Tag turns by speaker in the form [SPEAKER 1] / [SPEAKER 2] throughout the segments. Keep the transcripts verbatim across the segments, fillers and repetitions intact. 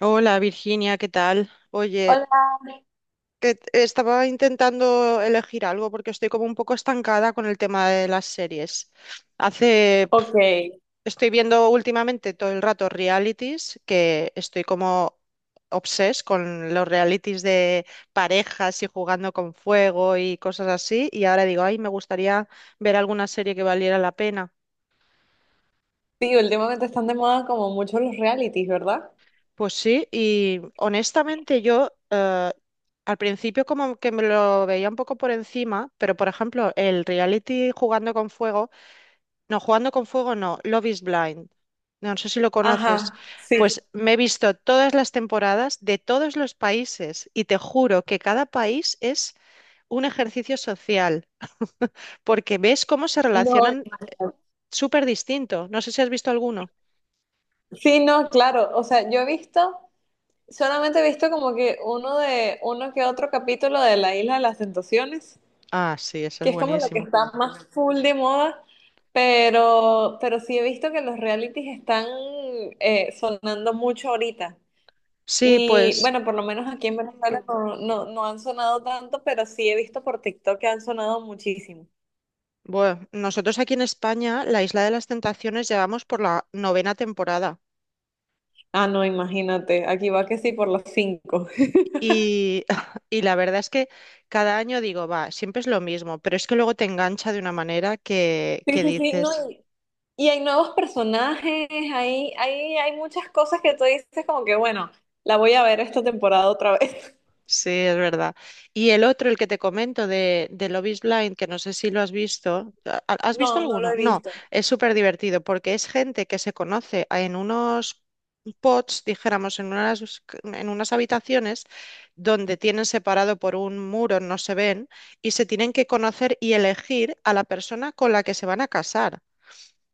[SPEAKER 1] Hola Virginia, ¿qué tal? Oye,
[SPEAKER 2] Hola.
[SPEAKER 1] que t- estaba intentando elegir algo porque estoy como un poco estancada con el tema de las series. Hace, pf,
[SPEAKER 2] Ok,
[SPEAKER 1] estoy viendo últimamente todo el rato realities, que estoy como obses con los realities de parejas y jugando con fuego y cosas así. Y ahora digo, ay, me gustaría ver alguna serie que valiera la pena.
[SPEAKER 2] sí, últimamente están de moda como mucho los realities, ¿verdad?
[SPEAKER 1] Pues sí, y honestamente yo eh, al principio como que me lo veía un poco por encima, pero por ejemplo el reality Jugando con Fuego, no, Jugando con Fuego no, Love is Blind, no sé si lo conoces,
[SPEAKER 2] Ajá,
[SPEAKER 1] pues
[SPEAKER 2] sí.
[SPEAKER 1] me he visto todas las temporadas de todos los países y te juro que cada país es un ejercicio social, porque ves cómo se
[SPEAKER 2] No,
[SPEAKER 1] relacionan súper distinto, no sé si has visto alguno.
[SPEAKER 2] sí, no, claro. O sea, yo he visto, solamente he visto como que uno de, uno que otro capítulo de La Isla de las Tentaciones,
[SPEAKER 1] Ah, sí, ese es
[SPEAKER 2] que es como lo que
[SPEAKER 1] buenísimo.
[SPEAKER 2] está más full de moda, pero, pero sí he visto que los realities están eh, sonando mucho ahorita.
[SPEAKER 1] Sí,
[SPEAKER 2] Y
[SPEAKER 1] pues.
[SPEAKER 2] bueno, por lo menos aquí en Venezuela no, no, no han sonado tanto, pero sí he visto por TikTok que han sonado muchísimo.
[SPEAKER 1] Bueno, nosotros aquí en España, la Isla de las Tentaciones, llevamos por la novena temporada
[SPEAKER 2] Ah, no, imagínate, aquí va que sí por las cinco.
[SPEAKER 1] y, y la verdad es que cada año digo, va, siempre es lo mismo, pero es que luego te engancha de una manera que,
[SPEAKER 2] Sí,
[SPEAKER 1] que
[SPEAKER 2] sí, sí, no,
[SPEAKER 1] dices,
[SPEAKER 2] y, y hay nuevos personajes, hay, hay, hay muchas cosas que tú dices como que, bueno, la voy a ver esta temporada otra vez.
[SPEAKER 1] sí, es verdad. Y el otro, el que te comento de, de Love is Blind, que no sé si lo has visto, ¿ha- ¿has visto
[SPEAKER 2] No, no lo
[SPEAKER 1] alguno?
[SPEAKER 2] he
[SPEAKER 1] No,
[SPEAKER 2] visto.
[SPEAKER 1] es súper divertido porque es gente que se conoce en unos pods, dijéramos, en unas, en unas habitaciones donde tienen separado por un muro, no se ven, y se tienen que conocer y elegir a la persona con la que se van a casar.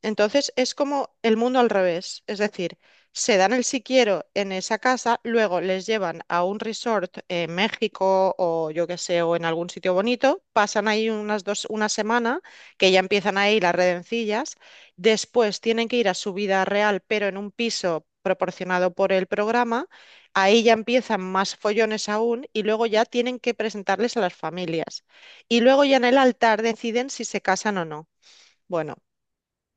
[SPEAKER 1] Entonces es como el mundo al revés, es decir, se dan el si quiero en esa casa, luego les llevan a un resort en México o yo qué sé, o en algún sitio bonito, pasan ahí unas dos, una semana, que ya empiezan ahí las redencillas, después tienen que ir a su vida real, pero en un piso proporcionado por el programa, ahí ya empiezan más follones aún y luego ya tienen que presentarles a las familias. Y luego ya en el altar deciden si se casan o no. Bueno.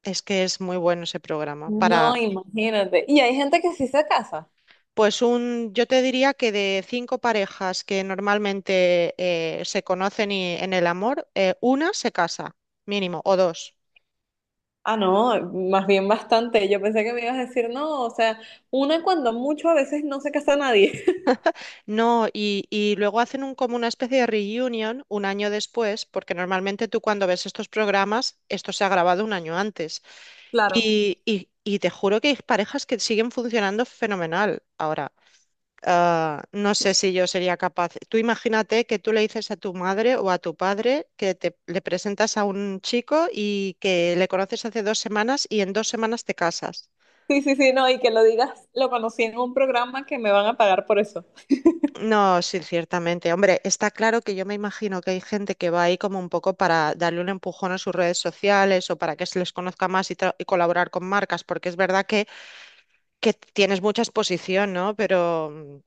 [SPEAKER 1] Es que es muy bueno ese programa. Para,
[SPEAKER 2] No, imagínate. Y hay gente que sí se casa.
[SPEAKER 1] pues un, yo te diría que de cinco parejas que normalmente eh, se conocen y, en el amor, eh, una se casa, mínimo, o dos.
[SPEAKER 2] Ah, no, más bien bastante. Yo pensé que me ibas a decir, no, o sea, una cuando mucho, a veces no se casa nadie.
[SPEAKER 1] No, y, y luego hacen un, como una especie de reunion un año después, porque normalmente tú cuando ves estos programas, esto se ha grabado un año antes.
[SPEAKER 2] Claro.
[SPEAKER 1] Y, y, y te juro que hay parejas que siguen funcionando fenomenal ahora. Ah, no sé si yo sería capaz. Tú imagínate que tú le dices a tu madre o a tu padre que te le presentas a un chico y que le conoces hace dos semanas y en dos semanas te casas.
[SPEAKER 2] Sí, sí, sí, no, y que lo digas, lo conocí en un programa que me van a pagar por eso.
[SPEAKER 1] No, sí, ciertamente. Hombre, está claro que yo me imagino que hay gente que va ahí como un poco para darle un empujón a sus redes sociales o para que se les conozca más y, tra- y colaborar con marcas, porque es verdad que que tienes mucha exposición, ¿no? Pero mm,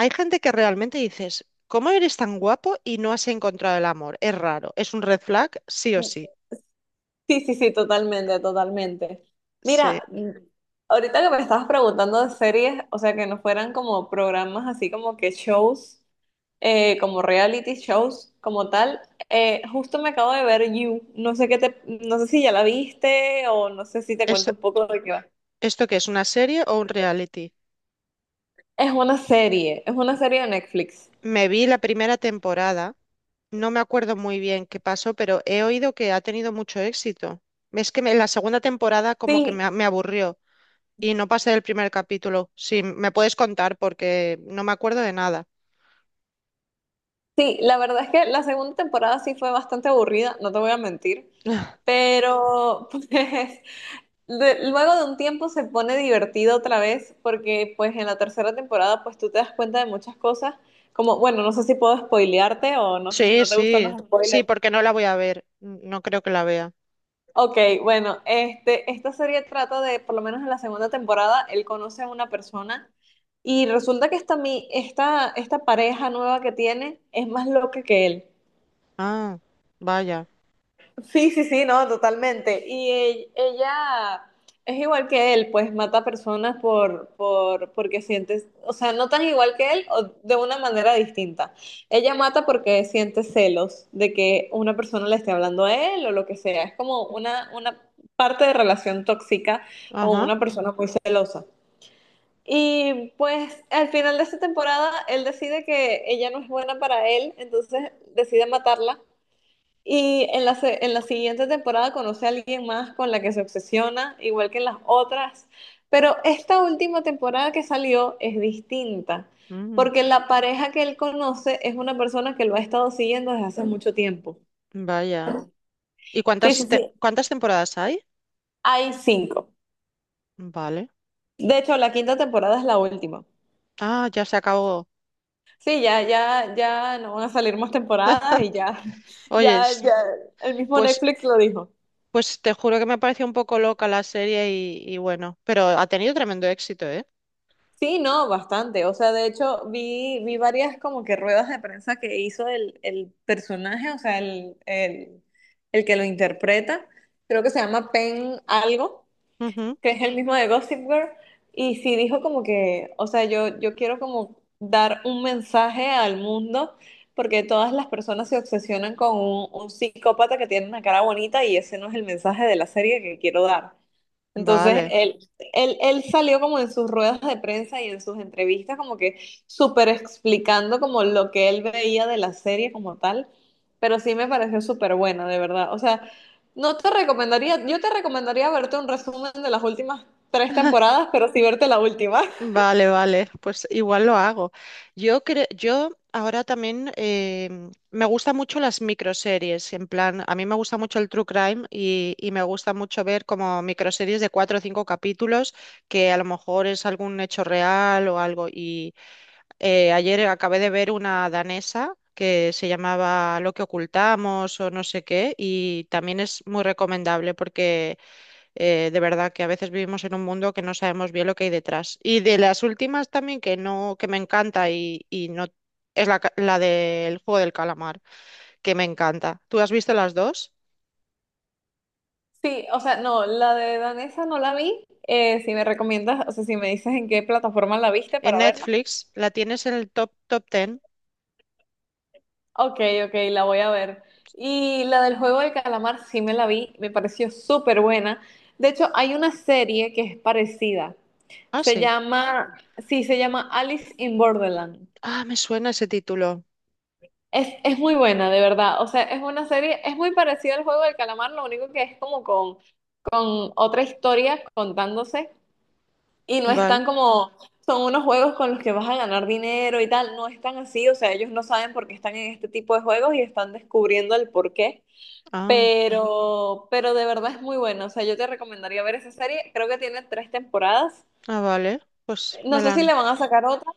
[SPEAKER 1] hay gente que realmente dices, ¿cómo eres tan guapo y no has encontrado el amor? Es raro, es un red flag, sí o sí.
[SPEAKER 2] Sí, sí, sí, totalmente, totalmente.
[SPEAKER 1] Sí.
[SPEAKER 2] Mira, mm, ahorita que me estabas preguntando de series, o sea, que no fueran como programas así como que shows, eh, como reality shows, como tal, eh, justo me acabo de ver You. No sé qué te, no sé si ya la viste o no sé si te
[SPEAKER 1] ¿Esto,
[SPEAKER 2] cuento un poco de qué va.
[SPEAKER 1] esto qué es una serie o un reality?
[SPEAKER 2] Es una serie, es una serie de Netflix.
[SPEAKER 1] Me vi la primera temporada, no me acuerdo muy bien qué pasó, pero he oído que ha tenido mucho éxito. Es que me- la segunda temporada como que
[SPEAKER 2] Sí,
[SPEAKER 1] me, a- me aburrió y no pasé del primer capítulo. Sí, me puedes contar porque no me acuerdo de nada.
[SPEAKER 2] sí, la verdad es que la segunda temporada sí fue bastante aburrida, no te voy a mentir, pero pues, de- luego de un tiempo se pone divertido otra vez porque pues en la tercera temporada pues tú te das cuenta de muchas cosas como bueno, no sé si puedo spoilearte o no sé si
[SPEAKER 1] Sí,
[SPEAKER 2] no te gustan
[SPEAKER 1] sí,
[SPEAKER 2] los
[SPEAKER 1] sí,
[SPEAKER 2] spoilers.
[SPEAKER 1] porque no la voy a ver. N- No creo que la vea.
[SPEAKER 2] Ok, bueno, este, esta serie trata de, por lo menos en la segunda temporada, él conoce a una persona y resulta que esta, mi- esta, esta pareja nueva que tiene es más loca que él.
[SPEAKER 1] Ah, vaya.
[SPEAKER 2] Sí, sí, sí, no, totalmente. Y e- ella es igual que él, pues mata personas por, por, porque sientes, o sea, no tan igual que él o de una manera distinta. Ella mata porque siente celos de que una persona le esté hablando a él o lo que sea. Es como una, una parte de relación tóxica o
[SPEAKER 1] Ajá.
[SPEAKER 2] una persona muy celosa. Y pues al final de esta temporada, él decide que ella no es buena para él, entonces decide matarla y en la, se- en la siguiente temporada conoce a alguien más con la que se obsesiona, igual que en las otras. Pero esta última temporada que salió es distinta,
[SPEAKER 1] Mm,
[SPEAKER 2] porque la pareja que él conoce es una persona que lo ha estado siguiendo desde hace mucho tiempo.
[SPEAKER 1] vaya. ¿Y
[SPEAKER 2] Sí,
[SPEAKER 1] cuántas
[SPEAKER 2] sí,
[SPEAKER 1] te-
[SPEAKER 2] sí.
[SPEAKER 1] cuántas temporadas hay?
[SPEAKER 2] Hay cinco.
[SPEAKER 1] Vale.
[SPEAKER 2] De hecho, la quinta temporada es la última.
[SPEAKER 1] Ah, ya se acabó.
[SPEAKER 2] Sí, ya, ya, ya no van a salir más temporadas y ya,
[SPEAKER 1] Oye,
[SPEAKER 2] ya,
[SPEAKER 1] s-
[SPEAKER 2] ya, el mismo
[SPEAKER 1] pues,
[SPEAKER 2] Netflix lo dijo.
[SPEAKER 1] pues te juro que me pareció un poco loca la serie y, y bueno, pero ha tenido tremendo éxito, ¿eh?
[SPEAKER 2] Sí, no, bastante. O sea, de hecho, vi, vi varias como que ruedas de prensa que hizo el, el personaje, o sea, el, el, el que lo interpreta. Creo que se llama Pen algo,
[SPEAKER 1] Ujú.
[SPEAKER 2] que es el mismo de Gossip Girl, y sí dijo como que, o sea, yo, yo quiero como dar un mensaje al mundo, porque todas las personas se obsesionan con un, un psicópata que tiene una cara bonita y ese no es el mensaje de la serie que quiero dar. Entonces,
[SPEAKER 1] Vale.
[SPEAKER 2] él, él, él salió como en sus ruedas de prensa y en sus entrevistas como que súper explicando como lo que él veía de la serie como tal, pero sí me pareció súper buena, de verdad. O sea, no te recomendaría, yo te recomendaría verte un resumen de las últimas tres temporadas, pero sí verte la última.
[SPEAKER 1] Vale, vale, pues igual lo hago. Yo creo, yo ahora también em, me gustan mucho las microseries, en plan, a mí me gusta mucho el true crime y, y me gusta mucho ver como microseries de cuatro o cinco capítulos que a lo mejor es algún hecho real o algo. Y eh, ayer acabé de ver una danesa que se llamaba Lo que ocultamos o no sé qué y también es muy recomendable porque eh, de verdad que a veces vivimos en un mundo que no sabemos bien lo que hay detrás. Y de las últimas también que no, que me encanta y, y no es la, ca- la del juego del calamar, que me encanta. ¿Tú has visto las dos?
[SPEAKER 2] Sí, o sea, no, la de Danesa no la vi. Eh, si me recomiendas, o sea, si me dices en qué plataforma la viste
[SPEAKER 1] En
[SPEAKER 2] para verla.
[SPEAKER 1] Netflix la tienes en el top top ten.
[SPEAKER 2] Ok, ok, la voy a ver. Y la del juego del calamar sí me la vi, me pareció súper buena. De hecho, hay una serie que es parecida.
[SPEAKER 1] Ah,
[SPEAKER 2] Se
[SPEAKER 1] sí.
[SPEAKER 2] llama, sí, se llama Alice in Borderland.
[SPEAKER 1] Ah, me suena ese título.
[SPEAKER 2] Es, es muy buena, de verdad. O sea, es una serie, es muy parecida al juego del calamar, lo único que es como con, con otra historia contándose y no
[SPEAKER 1] Vale.
[SPEAKER 2] están como, son unos juegos con los que vas a ganar dinero y tal, no están así, o sea, ellos no saben por qué están en este tipo de juegos y están descubriendo el por qué,
[SPEAKER 1] Ah,
[SPEAKER 2] pero, pero de verdad es muy buena, o sea, yo te recomendaría ver esa serie, creo que tiene tres temporadas,
[SPEAKER 1] ah, vale. Pues
[SPEAKER 2] no
[SPEAKER 1] me
[SPEAKER 2] sé si
[SPEAKER 1] la,
[SPEAKER 2] le van a sacar otra,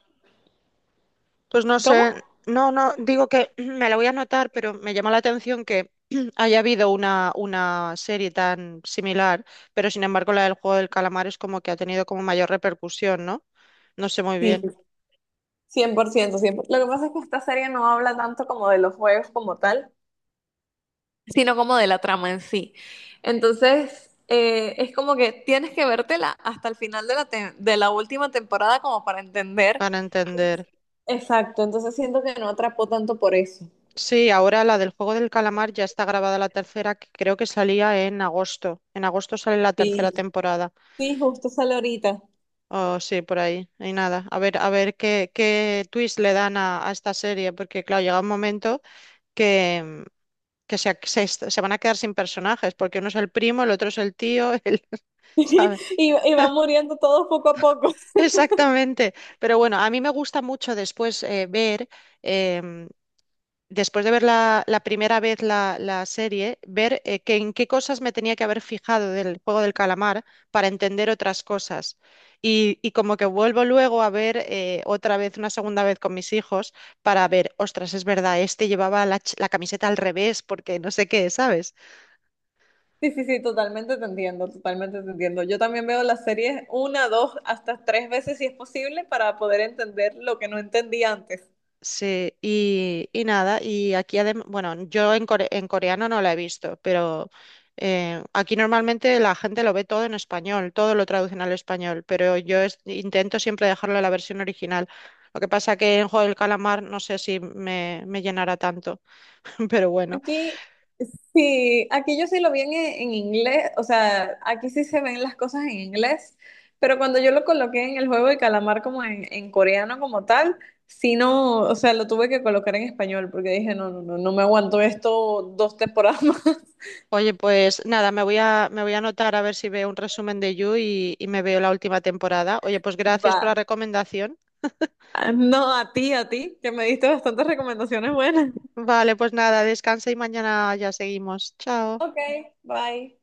[SPEAKER 1] Pues no sé,
[SPEAKER 2] ¿cómo?
[SPEAKER 1] no, no, digo que me la voy a anotar, pero me llama la atención que haya habido una, una serie tan similar, pero sin embargo la del juego del calamar es como que ha tenido como mayor repercusión, ¿no? No sé muy
[SPEAKER 2] Sí,
[SPEAKER 1] bien,
[SPEAKER 2] cien por ciento, cien por ciento. Lo que pasa es que esta serie no habla tanto como de los juegos como tal, sino como de la trama en sí. Entonces, eh, es como que tienes que vértela hasta el final de la, te- de la última temporada como para entender.
[SPEAKER 1] para entender.
[SPEAKER 2] Exacto, entonces siento que no atrapó tanto por eso.
[SPEAKER 1] Sí, ahora la del juego del calamar ya está grabada la tercera, que creo que salía en agosto. En agosto sale la tercera
[SPEAKER 2] Sí,
[SPEAKER 1] temporada.
[SPEAKER 2] sí, justo sale ahorita.
[SPEAKER 1] Oh, sí, por ahí. Y nada, a ver, a ver qué, qué twist le dan a, a esta serie, porque claro, llega un momento, que, que se, se se van a quedar sin personajes, porque uno es el primo, el otro es el tío, el, ¿sabes?
[SPEAKER 2] Y, y van muriendo todos poco a poco.
[SPEAKER 1] Exactamente. Pero bueno, a mí me gusta mucho después eh, ver, em, después de ver la, la primera vez la, la serie, ver eh, que en qué cosas me tenía que haber fijado del juego del calamar para entender otras cosas. Y, y como que vuelvo luego a ver eh, otra vez, una segunda vez con mis hijos, para ver, ostras, es verdad, este llevaba la, ch- la camiseta al revés porque no sé qué, ¿sabes?
[SPEAKER 2] Sí, sí, sí, totalmente te entiendo, totalmente te entiendo. Yo también veo las series una, dos, hasta tres veces si es posible para poder entender lo que no entendí antes.
[SPEAKER 1] Sí, y, y nada, y aquí además, bueno, yo en, core- en coreano no la he visto, pero eh, aquí normalmente la gente lo ve todo en español, todo lo traducen al español, pero yo es- intento siempre dejarlo en la versión original. Lo que pasa que en Juego del Calamar no sé si me, me llenará tanto, pero bueno.
[SPEAKER 2] Aquí, sí, aquí yo sí lo vi en, en inglés, o sea, aquí sí se ven las cosas en inglés, pero cuando yo lo coloqué en el juego de calamar como en, en coreano como tal, sí no, o sea, lo tuve que colocar en español porque dije, no, no, no, no me aguanto esto dos temporadas más.
[SPEAKER 1] Oye, pues nada, me voy a, me voy a anotar a ver si veo un resumen de You y, y me veo la última temporada. Oye, pues gracias por la
[SPEAKER 2] Va.
[SPEAKER 1] recomendación.
[SPEAKER 2] Ah, no, a ti, a ti, que me diste bastantes recomendaciones buenas.
[SPEAKER 1] Vale, pues nada, descansa y mañana ya seguimos. Chao.
[SPEAKER 2] Ok, bye.